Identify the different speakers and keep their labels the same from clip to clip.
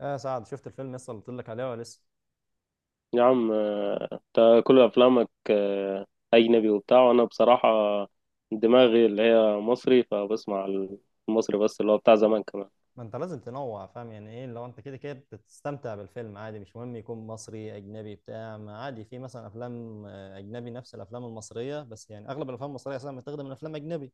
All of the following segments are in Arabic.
Speaker 1: يا سعد شفت الفيلم لسه اللي قلت لك عليه ولا لسه؟
Speaker 2: يا عم انت كل افلامك اجنبي وبتاع، وانا بصراحه دماغي اللي هي مصري فبسمع المصري، بس اللي هو بتاع زمان كمان.
Speaker 1: ما انت لازم تنوع، فاهم يعني ايه؟ لو انت كده كده بتستمتع بالفيلم عادي، مش مهم يكون مصري اجنبي بتاع، ما عادي في مثلا افلام اجنبي نفس الافلام المصريه، بس يعني اغلب الافلام المصريه اصلا بتخدم من افلام اجنبي،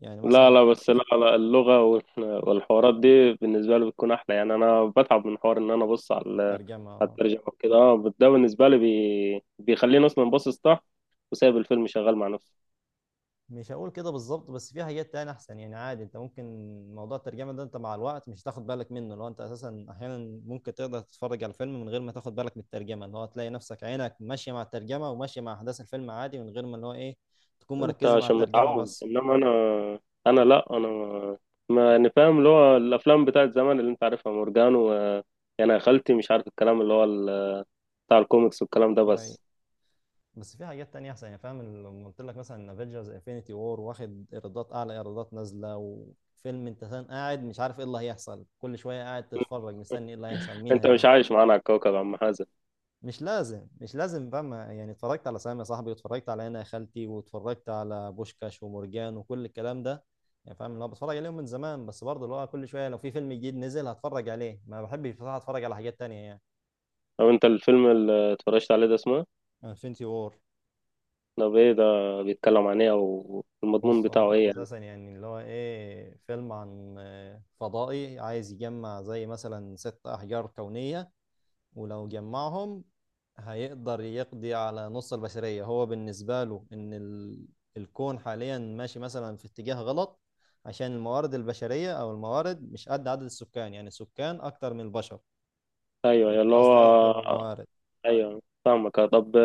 Speaker 1: يعني
Speaker 2: لا
Speaker 1: مثلا.
Speaker 2: لا، بس لا لا، اللغه والحوارات دي بالنسبه لي بتكون احلى، يعني انا بتعب من حوار ان انا ابص على
Speaker 1: الترجمه
Speaker 2: الترجمه وكده. اه، ده بالنسبه لي بيخليني اصلا باصص تحت وسايب الفيلم شغال مع نفسه.
Speaker 1: مش هقول كده بالظبط، بس في حاجات تانية احسن، يعني عادي انت ممكن موضوع الترجمه ده انت مع الوقت مش هتاخد بالك منه، لو انت اساسا احيانا ممكن تقدر تتفرج على الفيلم من غير ما تاخد بالك من الترجمه، اللي هو تلاقي نفسك عينك ماشيه مع الترجمه وماشيه مع احداث الفيلم عادي من غير ما اللي هو ايه تكون
Speaker 2: انت
Speaker 1: مركزه مع
Speaker 2: عشان
Speaker 1: الترجمه
Speaker 2: متعود،
Speaker 1: بس.
Speaker 2: انما انا لا، انا يعني فاهم اللي هو الافلام بتاعت زمان اللي انت عارفها، مورجانو يعني. يا خالتي، مش عارف الكلام بتاع الكوميكس والكلام ده
Speaker 1: أي.
Speaker 2: بس.
Speaker 1: بس في حاجات تانية احسن، يعني فاهم لما قلت لك مثلا افنجرز انفينيتي وور، واخد ايرادات اعلى ايرادات نازله، وفيلم انت قاعد مش عارف ايه اللي هيحصل، كل شويه قاعد تتفرج مستني ايه اللي هيحصل مين
Speaker 2: انت
Speaker 1: هي.
Speaker 2: مش عايش معانا على الكوكب يا عم حازم.
Speaker 1: مش لازم مش لازم بقى، يعني اتفرجت على سامي يا صاحبي، واتفرجت على انا يا خالتي، واتفرجت على بوشكاش ومرجان وكل الكلام ده، يعني فاهم اللي هو بتفرج عليهم من زمان، بس برضه اللي هو كل شويه لو في فيلم جديد نزل هتفرج عليه، ما بحبش بصراحه اتفرج على حاجات تانية يعني.
Speaker 2: طب انت الفيلم اللي اتفرجت عليه ده اسمه
Speaker 1: انفينيتي وور.
Speaker 2: ده ايه ده؟ بيتكلم عن ايه، او المضمون
Speaker 1: بص
Speaker 2: بتاعه
Speaker 1: هم
Speaker 2: ايه يعني؟
Speaker 1: اساسا يعني اللي هو ايه فيلم عن فضائي عايز يجمع زي مثلا ست احجار كونيه، ولو جمعهم هيقدر يقضي على نص البشرية، هو بالنسبة له إن ال... الكون حاليا ماشي مثلا في اتجاه غلط، عشان الموارد البشرية أو الموارد مش قد عدد السكان، يعني السكان أكتر من البشر.
Speaker 2: ايوه
Speaker 1: إيه،
Speaker 2: اللي
Speaker 1: قصدي أكتر من
Speaker 2: هو،
Speaker 1: الموارد.
Speaker 2: ايوه فاهمك. طب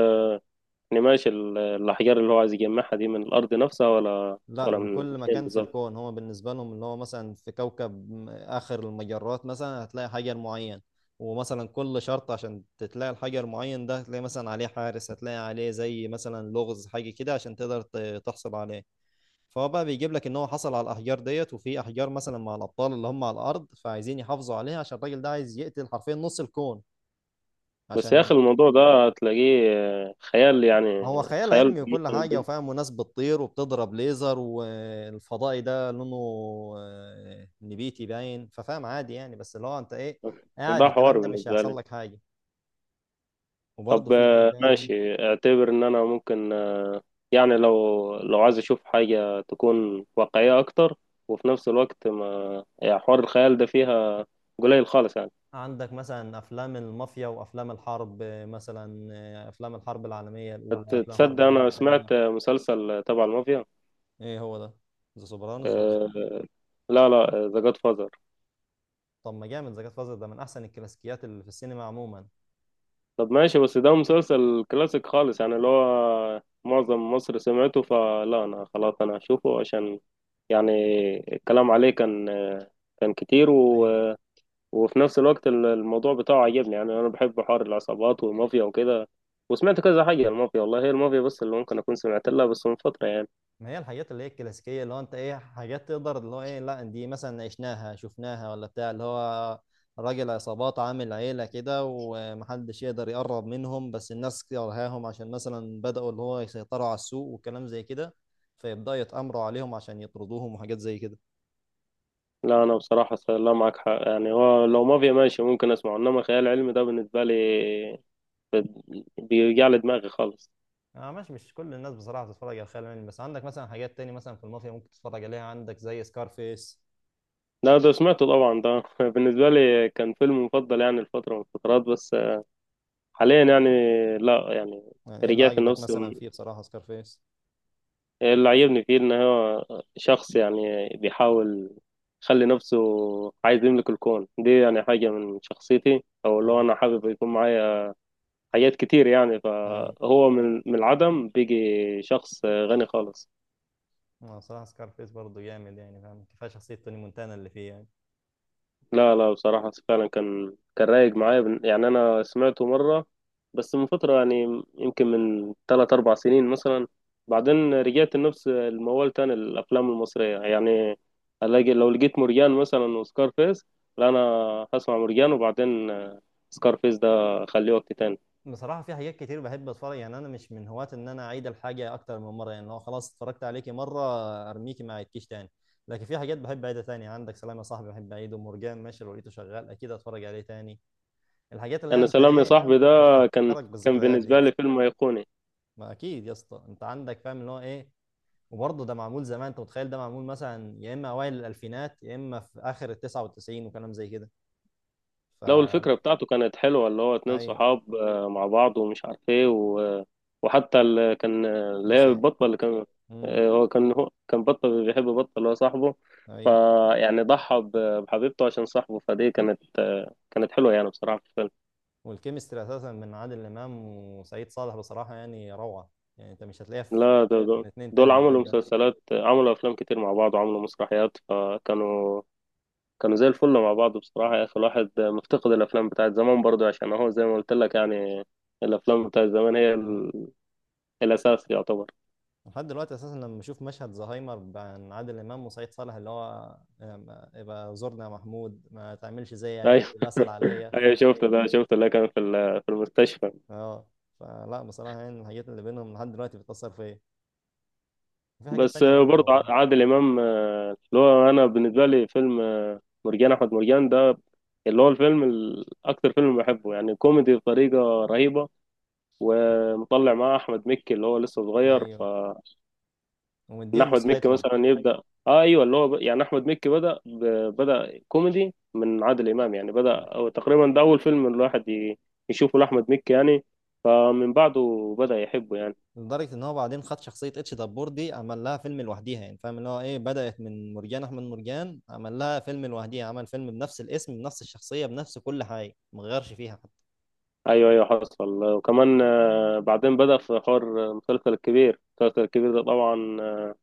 Speaker 2: يعني ماشي الاحجار اللي هو عايز يجمعها دي من الارض نفسها ولا،
Speaker 1: لا
Speaker 2: ولا
Speaker 1: من
Speaker 2: من
Speaker 1: كل
Speaker 2: فين
Speaker 1: مكان في
Speaker 2: بالظبط؟
Speaker 1: الكون، هو بالنسبة لهم اللي هو مثلا في كوكب آخر المجرات مثلا هتلاقي حجر معين. ومثلا كل شرط عشان تلاقي الحجر معين ده هتلاقي مثلا عليه حارس، هتلاقي عليه زي مثلا لغز حاجة كده عشان تقدر تحصل عليه. فهو بقى بيجيب لك ان هو حصل على الاحجار ديت، وفي احجار مثلا مع الابطال اللي هم على الارض فعايزين يحافظوا عليها، عشان الراجل ده عايز يقتل حرفيا نص الكون،
Speaker 2: بس يا اخي،
Speaker 1: عشان.
Speaker 2: الموضوع ده هتلاقيه خيال، يعني
Speaker 1: ما هو خيال
Speaker 2: خيال.
Speaker 1: علمي وكل حاجه وفاهم، وناس بتطير وبتضرب ليزر، والفضائي ده لونه نبيتي باين، ففاهم عادي يعني، بس اللي هو انت ايه
Speaker 2: ده
Speaker 1: قاعد
Speaker 2: حوار
Speaker 1: الكلام ده مش
Speaker 2: بالنسبة
Speaker 1: هيحصل
Speaker 2: لي.
Speaker 1: لك حاجه. وبرضه
Speaker 2: طب
Speaker 1: في ايه تاني؟
Speaker 2: ماشي، اعتبر ان انا ممكن يعني لو عايز اشوف حاجة تكون واقعية اكتر، وفي نفس الوقت ما يعني حوار الخيال ده فيها قليل خالص يعني.
Speaker 1: عندك مثلا افلام المافيا وافلام الحرب، مثلا افلام الحرب العالميه الاولى، افلام الحرب
Speaker 2: تصدق
Speaker 1: العالميه
Speaker 2: انا
Speaker 1: الثانيه.
Speaker 2: سمعت مسلسل تبع المافيا.
Speaker 1: ايه هو ده؟ ذا سوبرانوس ولا
Speaker 2: آه،
Speaker 1: إيه؟
Speaker 2: لا لا، ذا جاد.
Speaker 1: طب ما جامد، ذا جاد فازر ده من احسن الكلاسيكيات اللي في السينما عموما.
Speaker 2: طب ماشي، بس ده مسلسل كلاسيك خالص، يعني اللي هو معظم مصر سمعته، فلا انا خلاص، انا هشوفه عشان يعني الكلام عليه كان كتير
Speaker 1: اي.
Speaker 2: وفي نفس الوقت الموضوع بتاعه عجبني، يعني انا بحب حوار العصابات والمافيا وكده. وسمعت كذا حاجة المافيا، والله هي المافيا بس اللي ممكن أكون سمعت لها، بس من فترة يعني.
Speaker 1: ما هي الحاجات اللي هي الكلاسيكيه اللي هو انت ايه حاجات تقدر اللي هو ايه لا دي مثلا عشناها شفناها، ولا بتاع اللي هو راجل عصابات عامل عيله كده ومحدش يقدر يقرب منهم، بس الناس كرهاهم عشان مثلا بداوا اللي هو يسيطروا على السوق وكلام زي كده، فيبداوا يتامروا عليهم عشان يطردوهم وحاجات زي كده.
Speaker 2: لا أنا بصراحة لا، معك حق يعني. هو لو مافيا ماشي ممكن أسمعه، إنما خيال علمي ده بالنسبة لي بيوجع لي دماغي خالص.
Speaker 1: اه ماشي، مش كل الناس بصراحه بتتفرج على الخيال العلمي، بس عندك مثلا حاجات تاني، مثلا في المافيا ممكن تتفرج عليها، عندك زي سكارفيس.
Speaker 2: لا ده سمعته طبعا، ده بالنسبة لي كان فيلم مفضل، يعني الفترة من الفترات، بس حاليا يعني لا يعني.
Speaker 1: يعني ايه اللي
Speaker 2: رجعت
Speaker 1: عاجبك
Speaker 2: لنفسه.
Speaker 1: مثلا فيه بصراحة سكارفيس؟
Speaker 2: اللي عجبني فيه إن هو شخص، يعني بيحاول يخلي نفسه، عايز يملك الكون، دي يعني حاجة من شخصيتي، أو اللي هو
Speaker 1: اي.
Speaker 2: أنا حابب يكون معايا حاجات كتير يعني.
Speaker 1: اي.
Speaker 2: فهو من العدم بيجي شخص غني خالص.
Speaker 1: أنا بصراحة سكارفيس برضه جامد، يعني فاهم كفاية شخصية توني مونتانا اللي فيه يعني.
Speaker 2: لا لا، بصراحة فعلا كان رايق معايا، يعني أنا سمعته مرة، بس من فترة يعني، يمكن من 3 4 سنين مثلا. بعدين رجعت لنفس الموال تاني الأفلام المصرية يعني. ألاقي لو لقيت مرجان مثلا وسكارفيس، لا أنا هسمع مرجان، وبعدين سكارفيس ده أخليه وقت تاني.
Speaker 1: بصراحة في حاجات كتير بحب اتفرج، يعني انا مش من هواة ان انا اعيد الحاجة اكتر من مرة، يعني لو خلاص اتفرجت عليكي مرة ارميكي ما اعيدكيش تاني. لكن في حاجات بحب اعيدها تاني، عندك سلام يا صاحبي بحب اعيده، مرجان ماشي لو لقيته شغال اكيد اتفرج عليه تاني. الحاجات اللي هي
Speaker 2: أنا
Speaker 1: انت
Speaker 2: سلام يا
Speaker 1: ايه
Speaker 2: صاحبي ده كان
Speaker 1: بتفكرك
Speaker 2: كان
Speaker 1: بالذكريات دي.
Speaker 2: بالنسبة لي فيلم أيقوني.
Speaker 1: ما اكيد يا اسطى انت عندك، فاهم اللي هو ايه. وبرضه ده معمول زمان، انت متخيل ده معمول مثلا يا اما اوائل الالفينات، يا اما في اخر ال 99 وكلام زي كده،
Speaker 2: لو الفكرة
Speaker 1: فلا.
Speaker 2: بتاعته كانت حلوة، اللي هو اتنين
Speaker 1: ايوه.
Speaker 2: صحاب مع بعض ومش عارف ايه وحتى اللي كان اللي هي
Speaker 1: الخيال.
Speaker 2: البطة اللي كان،
Speaker 1: امم
Speaker 2: هو كان بطة بيحب بطة اللي هو صاحبه.
Speaker 1: ايوه.
Speaker 2: فيعني ضحى بحبيبته عشان صاحبه، فدي كانت كانت حلوة يعني بصراحة في الفيلم.
Speaker 1: والكيمستري اساسا من عادل امام وسعيد صالح بصراحه يعني روعه، يعني انت مش هتلاقيها في
Speaker 2: لا دول, دول
Speaker 1: من اتنين
Speaker 2: دول
Speaker 1: تاني من
Speaker 2: عملوا
Speaker 1: الجيل ده.
Speaker 2: مسلسلات، عملوا أفلام كتير مع بعض، وعملوا مسرحيات، فكانوا زي الفل مع بعض بصراحة. يا أخي، الواحد مفتقد الأفلام بتاعت زمان برضو، عشان هو زي ما قلت لك يعني، الأفلام بتاعت زمان هي
Speaker 1: ايوه.
Speaker 2: الأساس يعتبر.
Speaker 1: لحد دلوقتي اساسا لما بشوف مشهد زهايمر بين عادل امام وسعيد صالح، اللي هو يبقى زورنا يا محمود ما تعملش زي عيالي
Speaker 2: أيوة،
Speaker 1: بسأل عليا.
Speaker 2: أيوة شفت ده، شفت اللي كان في المستشفى.
Speaker 1: اه. فلا بصراحه يعني الحاجات اللي بينهم لحد دلوقتي بتأثر فيا. في حاجات
Speaker 2: بس
Speaker 1: تانية برضه
Speaker 2: برضه
Speaker 1: والله.
Speaker 2: عادل إمام، اللي هو أنا بالنسبة لي فيلم، مرجان أحمد مرجان ده اللي هو الفيلم أكتر فيلم بحبه، يعني كوميدي بطريقة رهيبة، ومطلع معاه أحمد مكي اللي هو لسه صغير.
Speaker 1: ايوه.
Speaker 2: ان
Speaker 1: ومديهم
Speaker 2: احمد مكي
Speaker 1: مساحتهم.
Speaker 2: مثلا يبدا. اه ايوه اللي هو يعني احمد مكي بدا كوميدي من عادل امام، يعني بدا، أو تقريبا ده اول فيلم الواحد يشوفه لاحمد مكي يعني، فمن بعده بدا يحبه يعني.
Speaker 1: لدرجة ان هو بعدين خد شخصية اتش دبور دي عمل لها فيلم لوحديها، يعني فاهم اللي هو ايه بدأت من مرجان احمد مرجان، عمل لها فيلم لوحديها، عمل فيلم بنفس الاسم بنفس الشخصية بنفس كل حاجة، ما غيرش فيها حتى
Speaker 2: ايوه ايوه حصل. وكمان بعدين بدا في حوار المسلسل الكبير، المسلسل الكبير ده طبعا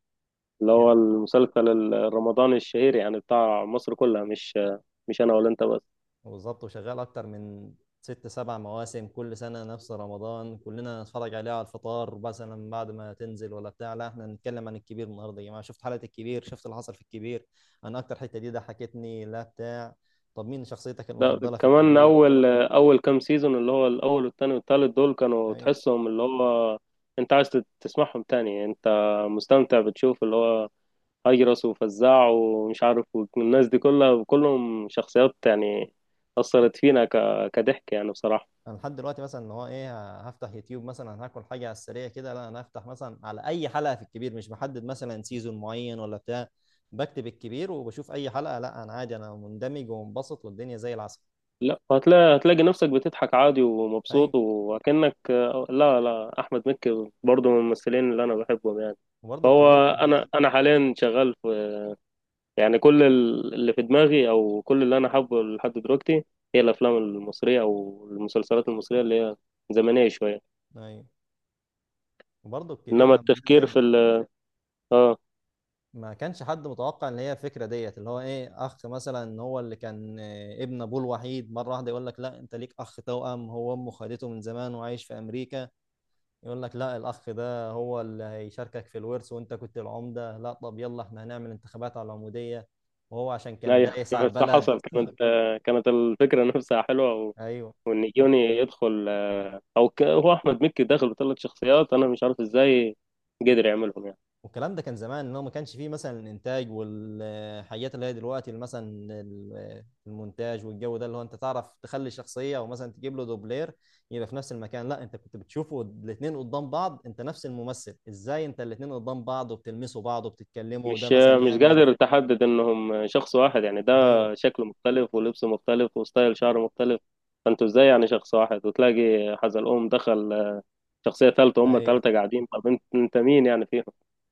Speaker 2: اللي هو
Speaker 1: يعني.
Speaker 2: المسلسل الرمضاني الشهير، يعني بتاع مصر كلها، مش مش انا ولا انت بس.
Speaker 1: بالظبط. وشغال اكتر من ست سبع مواسم، كل سنه نفس رمضان كلنا نتفرج عليها على الفطار، مثلا بعد ما تنزل ولا بتاع، لا احنا نتكلم عن الكبير النهارده يا جماعه، شفت حلقه الكبير؟ شفت اللي حصل في الكبير؟ انا اكتر حته دي ضحكتني لا بتاع. طب مين شخصيتك
Speaker 2: لا،
Speaker 1: المفضله في
Speaker 2: كمان
Speaker 1: الكبير؟
Speaker 2: اول كام سيزون اللي هو الاول والتاني والتالت، دول كانوا
Speaker 1: اي.
Speaker 2: تحسهم اللي هو انت عايز تسمعهم تاني، انت مستمتع بتشوف اللي هو هجرس وفزاع ومش عارف، والناس دي كلها، كلهم شخصيات يعني اثرت فينا كضحك يعني بصراحة.
Speaker 1: انا لحد دلوقتي مثلا اللي هو ايه هفتح يوتيوب مثلا هاكل حاجه على السريع كده، لا انا هفتح مثلا على اي حلقه في الكبير، مش بحدد مثلا سيزون معين ولا بتاع، بكتب الكبير وبشوف اي حلقه، لا انا عادي انا مندمج ومنبسط والدنيا زي العسل.
Speaker 2: لا هتلاقي، نفسك بتضحك عادي
Speaker 1: ايوه.
Speaker 2: ومبسوط وكأنك. لا لا، احمد مكي برضه من الممثلين اللي انا بحبهم يعني.
Speaker 1: وبرضه الكبير
Speaker 2: فهو
Speaker 1: لما
Speaker 2: انا
Speaker 1: نزل.
Speaker 2: انا حاليا شغال، يعني كل اللي في دماغي، او كل اللي انا حابه لحد دلوقتي هي الافلام المصريه او المسلسلات المصريه اللي هي زمنيه شويه،
Speaker 1: ايوه. وبرضه الكبير
Speaker 2: انما
Speaker 1: لما
Speaker 2: التفكير
Speaker 1: نزل
Speaker 2: في ال، اه،
Speaker 1: ما كانش حد متوقع ان هي الفكره ديت اللي هو ايه اخ، مثلا هو اللي كان ابن ابوه الوحيد، مره واحده يقول لك لا انت ليك اخ توأم، هو امه خدته من زمان وعايش في امريكا. يقول لك لا الاخ ده هو اللي هيشاركك في الورث، وانت كنت العمده، لا طب يلا احنا هنعمل انتخابات على العموديه، وهو عشان كان
Speaker 2: ايوه.
Speaker 1: دايس على
Speaker 2: صح
Speaker 1: البلد.
Speaker 2: حصل. كانت الفكره نفسها حلوه
Speaker 1: ايوه.
Speaker 2: وان يوني يدخل، هو احمد مكي داخل بثلاث شخصيات، انا مش عارف ازاي قدر يعملهم يعني.
Speaker 1: والكلام ده كان زمان ان هو ما كانش فيه مثلا الانتاج والحاجات اللي هي دلوقتي، اللي مثلا المونتاج والجو ده اللي هو انت تعرف تخلي شخصيه، او مثلا تجيب له دوبلير يبقى في نفس المكان، لا انت كنت بتشوفه الاثنين قدام بعض، انت نفس الممثل ازاي انت الاثنين قدام بعض وبتلمسوا بعض وبتتكلموا، وده
Speaker 2: مش
Speaker 1: مثلا
Speaker 2: مش
Speaker 1: يعمل.
Speaker 2: قادر تحدد انهم شخص واحد يعني، ده
Speaker 1: ايوه.
Speaker 2: شكله مختلف ولبسه مختلف وستايل شعره مختلف، فانتوا ازاي يعني شخص واحد، وتلاقي حزلقوم دخل، شخصية ثالثة، هم
Speaker 1: ايوه.
Speaker 2: ثلاثة قاعدين، طب انت مين يعني فيهم؟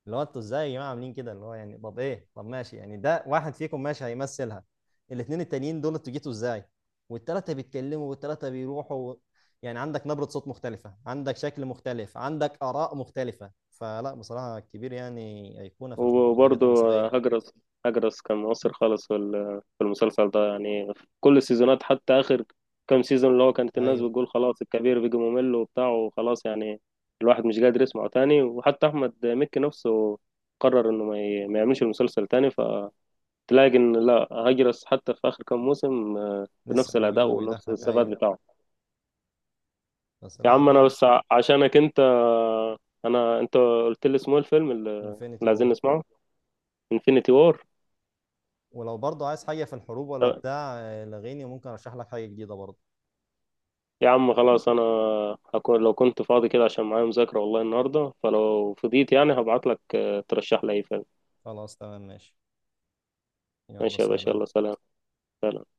Speaker 1: اللي هو انتوا ازاي يا جماعه عاملين كده، اللي هو يعني طب ايه، طب ماشي يعني ده واحد فيكم ماشي هيمثلها، الاثنين التانيين دول انتوا جيتوا ازاي؟ والثلاثه بيتكلموا والثلاثه بيروحوا و... يعني عندك نبره صوت مختلفه، عندك شكل مختلف، عندك اراء مختلفه، فلا بصراحه كبير يعني ايقونه في الحاجات
Speaker 2: وبرضه
Speaker 1: المصريه.
Speaker 2: هجرس، كان مؤثر خالص في المسلسل ده، يعني في كل السيزونات حتى آخر كام سيزون اللي هو كانت الناس
Speaker 1: ايوه.
Speaker 2: بتقول خلاص الكبير بيجي ممل وبتاع، وخلاص يعني الواحد مش قادر يسمعه تاني، وحتى أحمد مكي نفسه قرر إنه ما يعملش المسلسل تاني، فتلاقي إن لا، هجرس حتى في آخر كام موسم
Speaker 1: لسه
Speaker 2: بنفس الأداء
Speaker 1: موجود
Speaker 2: ونفس
Speaker 1: وبيضحك.
Speaker 2: الثبات
Speaker 1: ايوه.
Speaker 2: بتاعه.
Speaker 1: بس
Speaker 2: يا
Speaker 1: لا
Speaker 2: عم انا
Speaker 1: والله.
Speaker 2: بس عشانك انت، انا انت قلت لي اسمه إيه الفيلم اللي،
Speaker 1: انفينيتي
Speaker 2: اللي عايزين
Speaker 1: اوفر.
Speaker 2: نسمعه، انفينيتي وور.
Speaker 1: ولو برضه عايز حاجه في الحروب ولا بتاع، لغيني ممكن ارشح لك حاجه جديده برضه.
Speaker 2: يا عم خلاص، انا هكون لو كنت فاضي كده عشان معايا مذاكرة والله النهاردة، فلو فضيت يعني هبعت لك ترشح لي اي فيلم.
Speaker 1: خلاص تمام ماشي. يلا
Speaker 2: ماشي يا باشا،
Speaker 1: سلام.
Speaker 2: يلا سلام. سلام.